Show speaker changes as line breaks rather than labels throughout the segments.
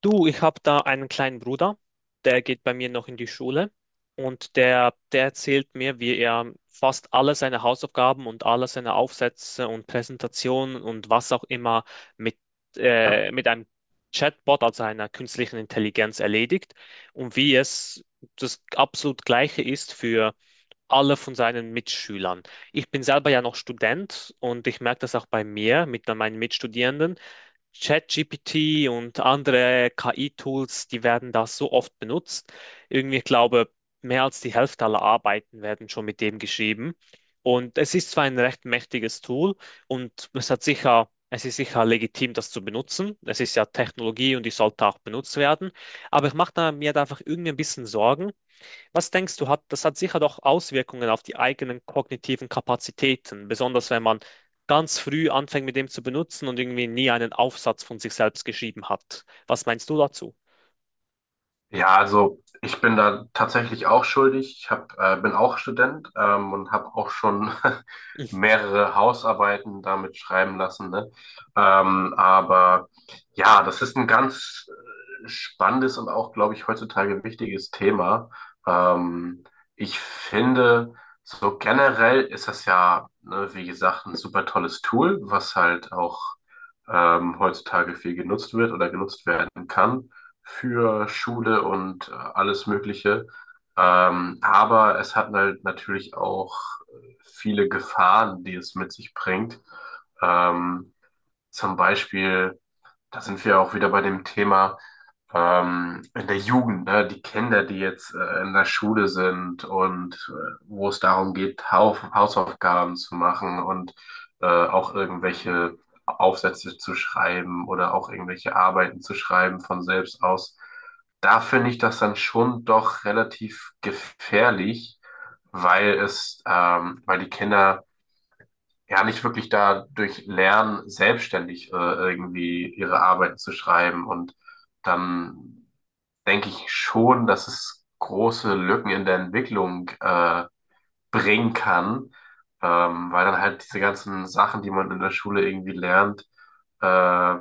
Du, ich habe da einen kleinen Bruder, der geht bei mir noch in die Schule und der erzählt mir, wie er fast alle seine Hausaufgaben und alle seine Aufsätze und Präsentationen und was auch immer mit, mit einem Chatbot, also einer künstlichen Intelligenz, erledigt und wie es das absolut Gleiche ist für alle von seinen Mitschülern. Ich bin selber ja noch Student und ich merke das auch bei mir mit meinen Mitstudierenden. ChatGPT und andere KI-Tools, die werden da so oft benutzt. Irgendwie, ich glaube, mehr als die Hälfte aller Arbeiten werden schon mit dem geschrieben. Und es ist zwar ein recht mächtiges Tool und es ist sicher legitim, das zu benutzen. Es ist ja Technologie und die sollte auch benutzt werden. Aber ich mache da mir da einfach irgendwie ein bisschen Sorgen, was denkst du, das hat sicher doch Auswirkungen auf die eigenen kognitiven Kapazitäten, besonders wenn man ganz früh anfängt mit dem zu benutzen und irgendwie nie einen Aufsatz von sich selbst geschrieben hat. Was meinst du dazu?
Ja, also ich bin da tatsächlich auch schuldig. Ich hab, bin auch Student, und habe auch schon mehrere Hausarbeiten damit schreiben lassen. Ne? Aber ja, das ist ein ganz spannendes und auch, glaube ich, heutzutage wichtiges Thema. Ähm, ich finde, so generell ist das ja, ne, wie gesagt, ein super tolles Tool, was halt auch heutzutage viel genutzt wird oder genutzt werden kann für Schule und alles Mögliche. Aber es hat halt natürlich auch viele Gefahren, die es mit sich bringt. Ähm, zum Beispiel da sind wir auch wieder bei dem Thema, in der Jugend, ne? Die Kinder, die jetzt in der Schule sind und wo es darum geht, Hausaufgaben zu machen und auch irgendwelche Aufsätze zu schreiben oder auch irgendwelche Arbeiten zu schreiben von selbst aus. Da finde ich das dann schon doch relativ gefährlich, weil es, weil die Kinder ja nicht wirklich da durch Lernen selbstständig irgendwie ihre Arbeiten zu schreiben. Und dann denke ich schon, dass es große Lücken in der Entwicklung bringen kann, weil dann halt diese ganzen Sachen, die man in der Schule irgendwie lernt, äh,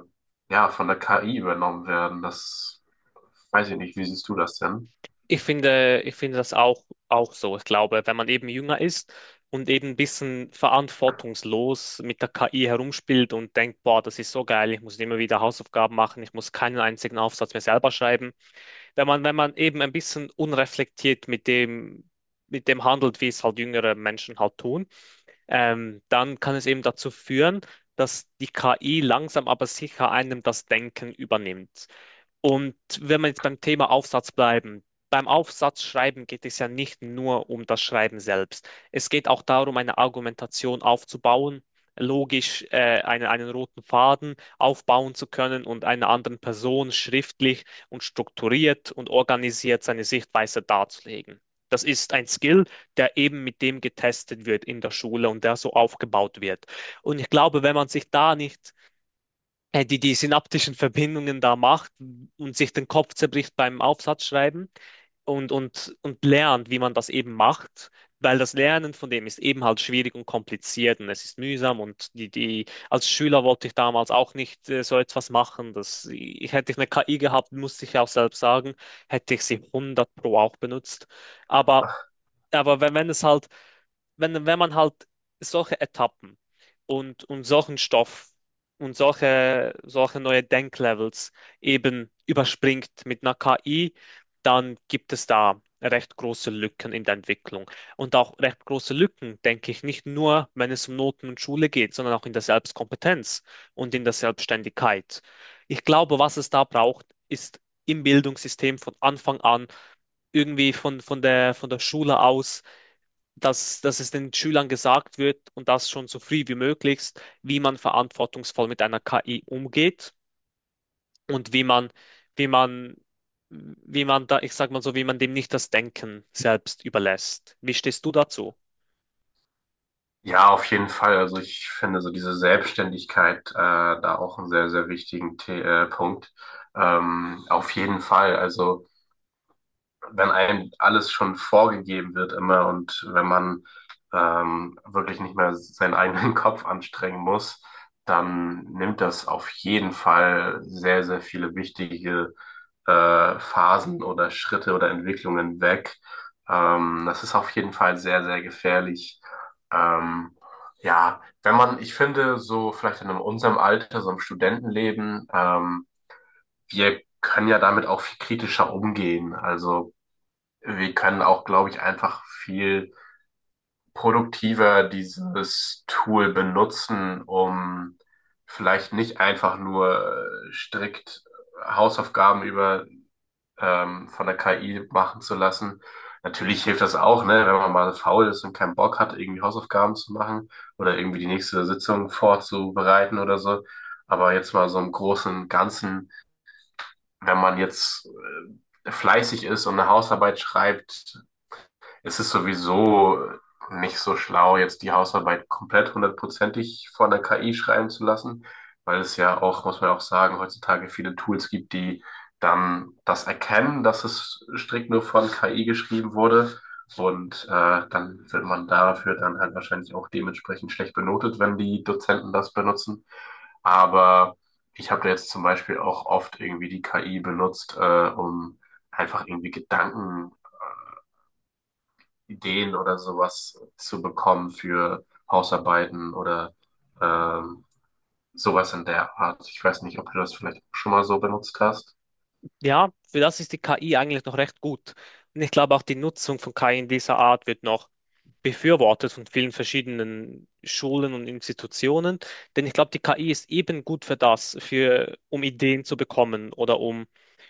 ja, von der KI übernommen werden. Das weiß ich nicht. Wie siehst du das denn?
Ich finde das auch so. Ich glaube, wenn man eben jünger ist und eben ein bisschen verantwortungslos mit der KI herumspielt und denkt, boah, das ist so geil, ich muss immer wieder Hausaufgaben machen, ich muss keinen einzigen Aufsatz mehr selber schreiben, wenn man eben ein bisschen unreflektiert mit dem handelt, wie es halt jüngere Menschen halt tun, dann kann es eben dazu führen, dass die KI langsam aber sicher einem das Denken übernimmt. Und wenn wir jetzt beim Thema Aufsatz bleiben, beim Aufsatzschreiben geht es ja nicht nur um das Schreiben selbst. Es geht auch darum, eine Argumentation aufzubauen, logisch einen roten Faden aufbauen zu können und einer anderen Person schriftlich und strukturiert und organisiert seine Sichtweise darzulegen. Das ist ein Skill, der eben mit dem getestet wird in der Schule und der so aufgebaut wird. Und ich glaube, wenn man sich da nicht die synaptischen Verbindungen da macht und sich den Kopf zerbricht beim Aufsatzschreiben und lernt, wie man das eben macht, weil das Lernen von dem ist eben halt schwierig und kompliziert und es ist mühsam und als Schüler wollte ich damals auch nicht so etwas machen. Hätte ich eine KI gehabt, musste ich auch selbst sagen, hätte ich sie 100 pro auch benutzt. Aber, aber, wenn man halt solche Etappen und solchen Stoff und solche neue Denklevels eben überspringt mit einer KI, dann gibt es da recht große Lücken in der Entwicklung. Und auch recht große Lücken, denke ich, nicht nur, wenn es um Noten und Schule geht, sondern auch in der Selbstkompetenz und in der Selbstständigkeit. Ich glaube, was es da braucht, ist im Bildungssystem von Anfang an, irgendwie von der Schule aus, dass es den Schülern gesagt wird und das schon so früh wie möglich, wie man verantwortungsvoll mit einer KI umgeht und wie man, wie man da, ich sag mal so, wie man dem nicht das Denken selbst überlässt. Wie stehst du dazu?
Ja, auf jeden Fall. Also ich finde so diese Selbstständigkeit da auch einen sehr, sehr wichtigen The Punkt. Auf jeden Fall. Also wenn einem alles schon vorgegeben wird immer und wenn man wirklich nicht mehr seinen eigenen Kopf anstrengen muss, dann nimmt das auf jeden Fall sehr, sehr viele wichtige Phasen oder Schritte oder Entwicklungen weg. Das ist auf jeden Fall sehr, sehr gefährlich. Ähm, ja, wenn man, ich finde, so vielleicht in unserem Alter, so im Studentenleben, wir können ja damit auch viel kritischer umgehen. Also wir können auch, glaube ich, einfach viel produktiver dieses Tool benutzen, um vielleicht nicht einfach nur strikt Hausaufgaben über, von der KI machen zu lassen. Natürlich hilft das auch, ne, wenn man mal faul ist und keinen Bock hat, irgendwie Hausaufgaben zu machen oder irgendwie die nächste Sitzung vorzubereiten oder so. Aber jetzt mal so im Großen und Ganzen, wenn man jetzt fleißig ist und eine Hausarbeit schreibt, es ist sowieso nicht so schlau, jetzt die Hausarbeit komplett hundertprozentig von der KI schreiben zu lassen, weil es ja auch, muss man ja auch sagen, heutzutage viele Tools gibt, die dann das erkennen, dass es strikt nur von KI geschrieben wurde. Und dann wird man dafür dann halt wahrscheinlich auch dementsprechend schlecht benotet, wenn die Dozenten das benutzen. Aber ich habe da jetzt zum Beispiel auch oft irgendwie die KI benutzt, um einfach irgendwie Gedanken, Ideen oder sowas zu bekommen für Hausarbeiten oder ähm, sowas in der Art. Ich weiß nicht, ob du das vielleicht schon mal so benutzt hast.
Ja, für das ist die KI eigentlich noch recht gut. Und ich glaube auch die Nutzung von KI in dieser Art wird noch befürwortet von vielen verschiedenen Schulen und Institutionen. Denn ich glaube, die KI ist eben gut für das, um Ideen zu bekommen oder um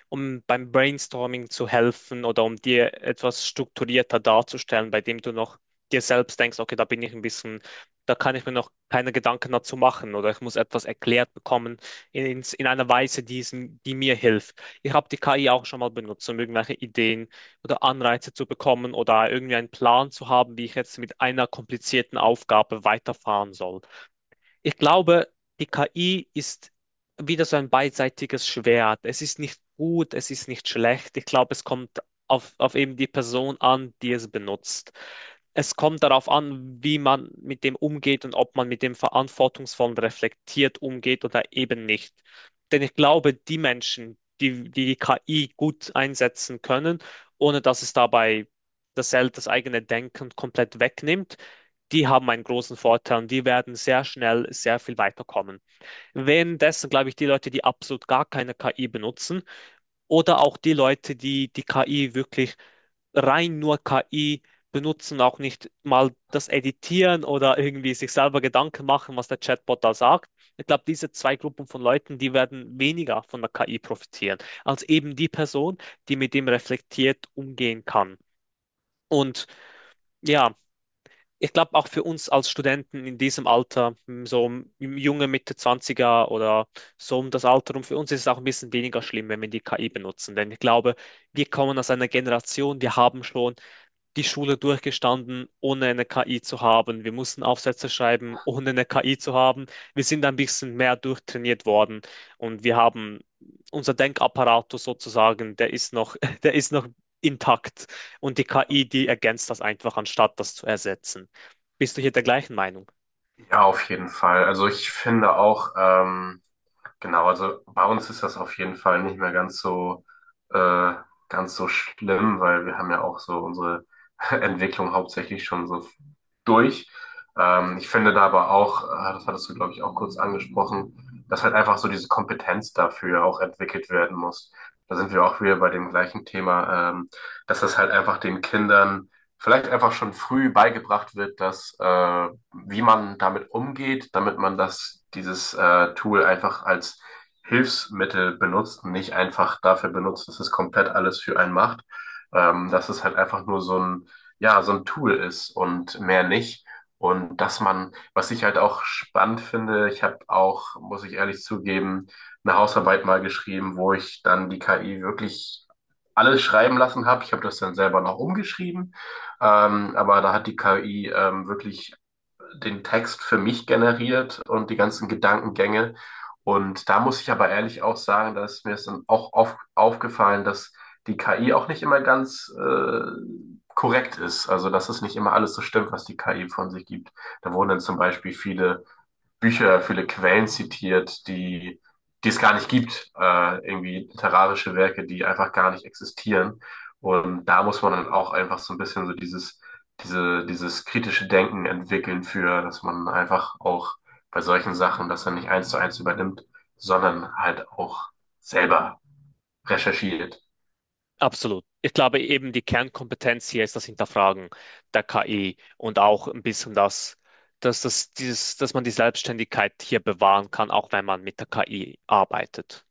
um beim Brainstorming zu helfen oder um dir etwas strukturierter darzustellen, bei dem du noch dir selbst denkst, okay, da bin ich ein bisschen, da kann ich mir noch keine Gedanken dazu machen oder ich muss etwas erklärt bekommen in einer Weise, die mir hilft. Ich habe die KI auch schon mal benutzt, um irgendwelche Ideen oder Anreize zu bekommen oder irgendwie einen Plan zu haben, wie ich jetzt mit einer komplizierten Aufgabe weiterfahren soll. Ich glaube, die KI ist wieder so ein beidseitiges Schwert. Es ist nicht gut, es ist nicht schlecht. Ich glaube, es kommt auf eben die Person an, die es benutzt. Es kommt darauf an, wie man mit dem umgeht und ob man mit dem verantwortungsvoll und reflektiert umgeht oder eben nicht. Denn ich glaube, die Menschen, die die KI gut einsetzen können, ohne dass es dabei das eigene Denken komplett wegnimmt, die haben einen großen Vorteil und die werden sehr schnell sehr viel weiterkommen. Währenddessen glaube ich, die Leute, die absolut gar keine KI benutzen oder auch die Leute, die die KI wirklich rein nur KI benutzen, auch nicht mal das Editieren oder irgendwie sich selber Gedanken machen, was der Chatbot da sagt. Ich glaube, diese zwei Gruppen von Leuten, die werden weniger von der KI profitieren, als eben die Person, die mit dem reflektiert umgehen kann. Und ja, ich glaube auch für uns als Studenten in diesem Alter, so im junge Mitte Zwanziger oder so um das Alter rum, für uns ist es auch ein bisschen weniger schlimm, wenn wir die KI benutzen. Denn ich glaube, wir kommen aus einer Generation, wir haben schon die Schule durchgestanden, ohne eine KI zu haben. Wir mussten Aufsätze schreiben, ohne eine KI zu haben. Wir sind ein bisschen mehr durchtrainiert worden und wir haben unser Denkapparatus sozusagen, der ist noch, der ist noch intakt und die KI, die ergänzt das einfach, anstatt das zu ersetzen. Bist du hier der gleichen Meinung?
Ja, auf jeden Fall. Also ich finde auch, genau, also bei uns ist das auf jeden Fall nicht mehr äh, ganz so schlimm, weil wir haben ja auch so unsere Entwicklung hauptsächlich schon so durch. Ich finde da aber auch, das hattest du, glaube ich, auch kurz angesprochen, dass halt einfach so diese Kompetenz dafür auch entwickelt werden muss. Da sind wir auch wieder bei dem gleichen Thema, dass das halt einfach den Kindern vielleicht einfach schon früh beigebracht wird, dass wie man damit umgeht, damit man das, dieses Tool einfach als Hilfsmittel benutzt und nicht einfach dafür benutzt, dass es komplett alles für einen macht. Dass es halt einfach nur so ein, ja, so ein Tool ist und mehr nicht. Und dass man, was ich halt auch spannend finde, ich habe auch, muss ich ehrlich zugeben, eine Hausarbeit mal geschrieben, wo ich dann die KI wirklich alles schreiben lassen habe. Ich habe das dann selber noch umgeschrieben, aber da hat die KI wirklich den Text für mich generiert und die ganzen Gedankengänge. Und da muss ich aber ehrlich auch sagen, da ist mir es dann auch aufgefallen, dass die KI auch nicht immer ganz korrekt ist. Also, dass es nicht immer alles so stimmt, was die KI von sich gibt. Da wurden dann zum Beispiel viele Bücher, viele Quellen zitiert, die es gar nicht gibt. Irgendwie literarische Werke, die einfach gar nicht existieren. Und da muss man dann auch einfach so ein bisschen so dieses kritische Denken entwickeln für, dass man einfach auch bei solchen Sachen das dann nicht eins zu eins übernimmt, sondern halt auch selber recherchiert.
Absolut. Ich glaube eben die Kernkompetenz hier ist das Hinterfragen der KI und auch ein bisschen das, dass man die Selbstständigkeit hier bewahren kann, auch wenn man mit der KI arbeitet.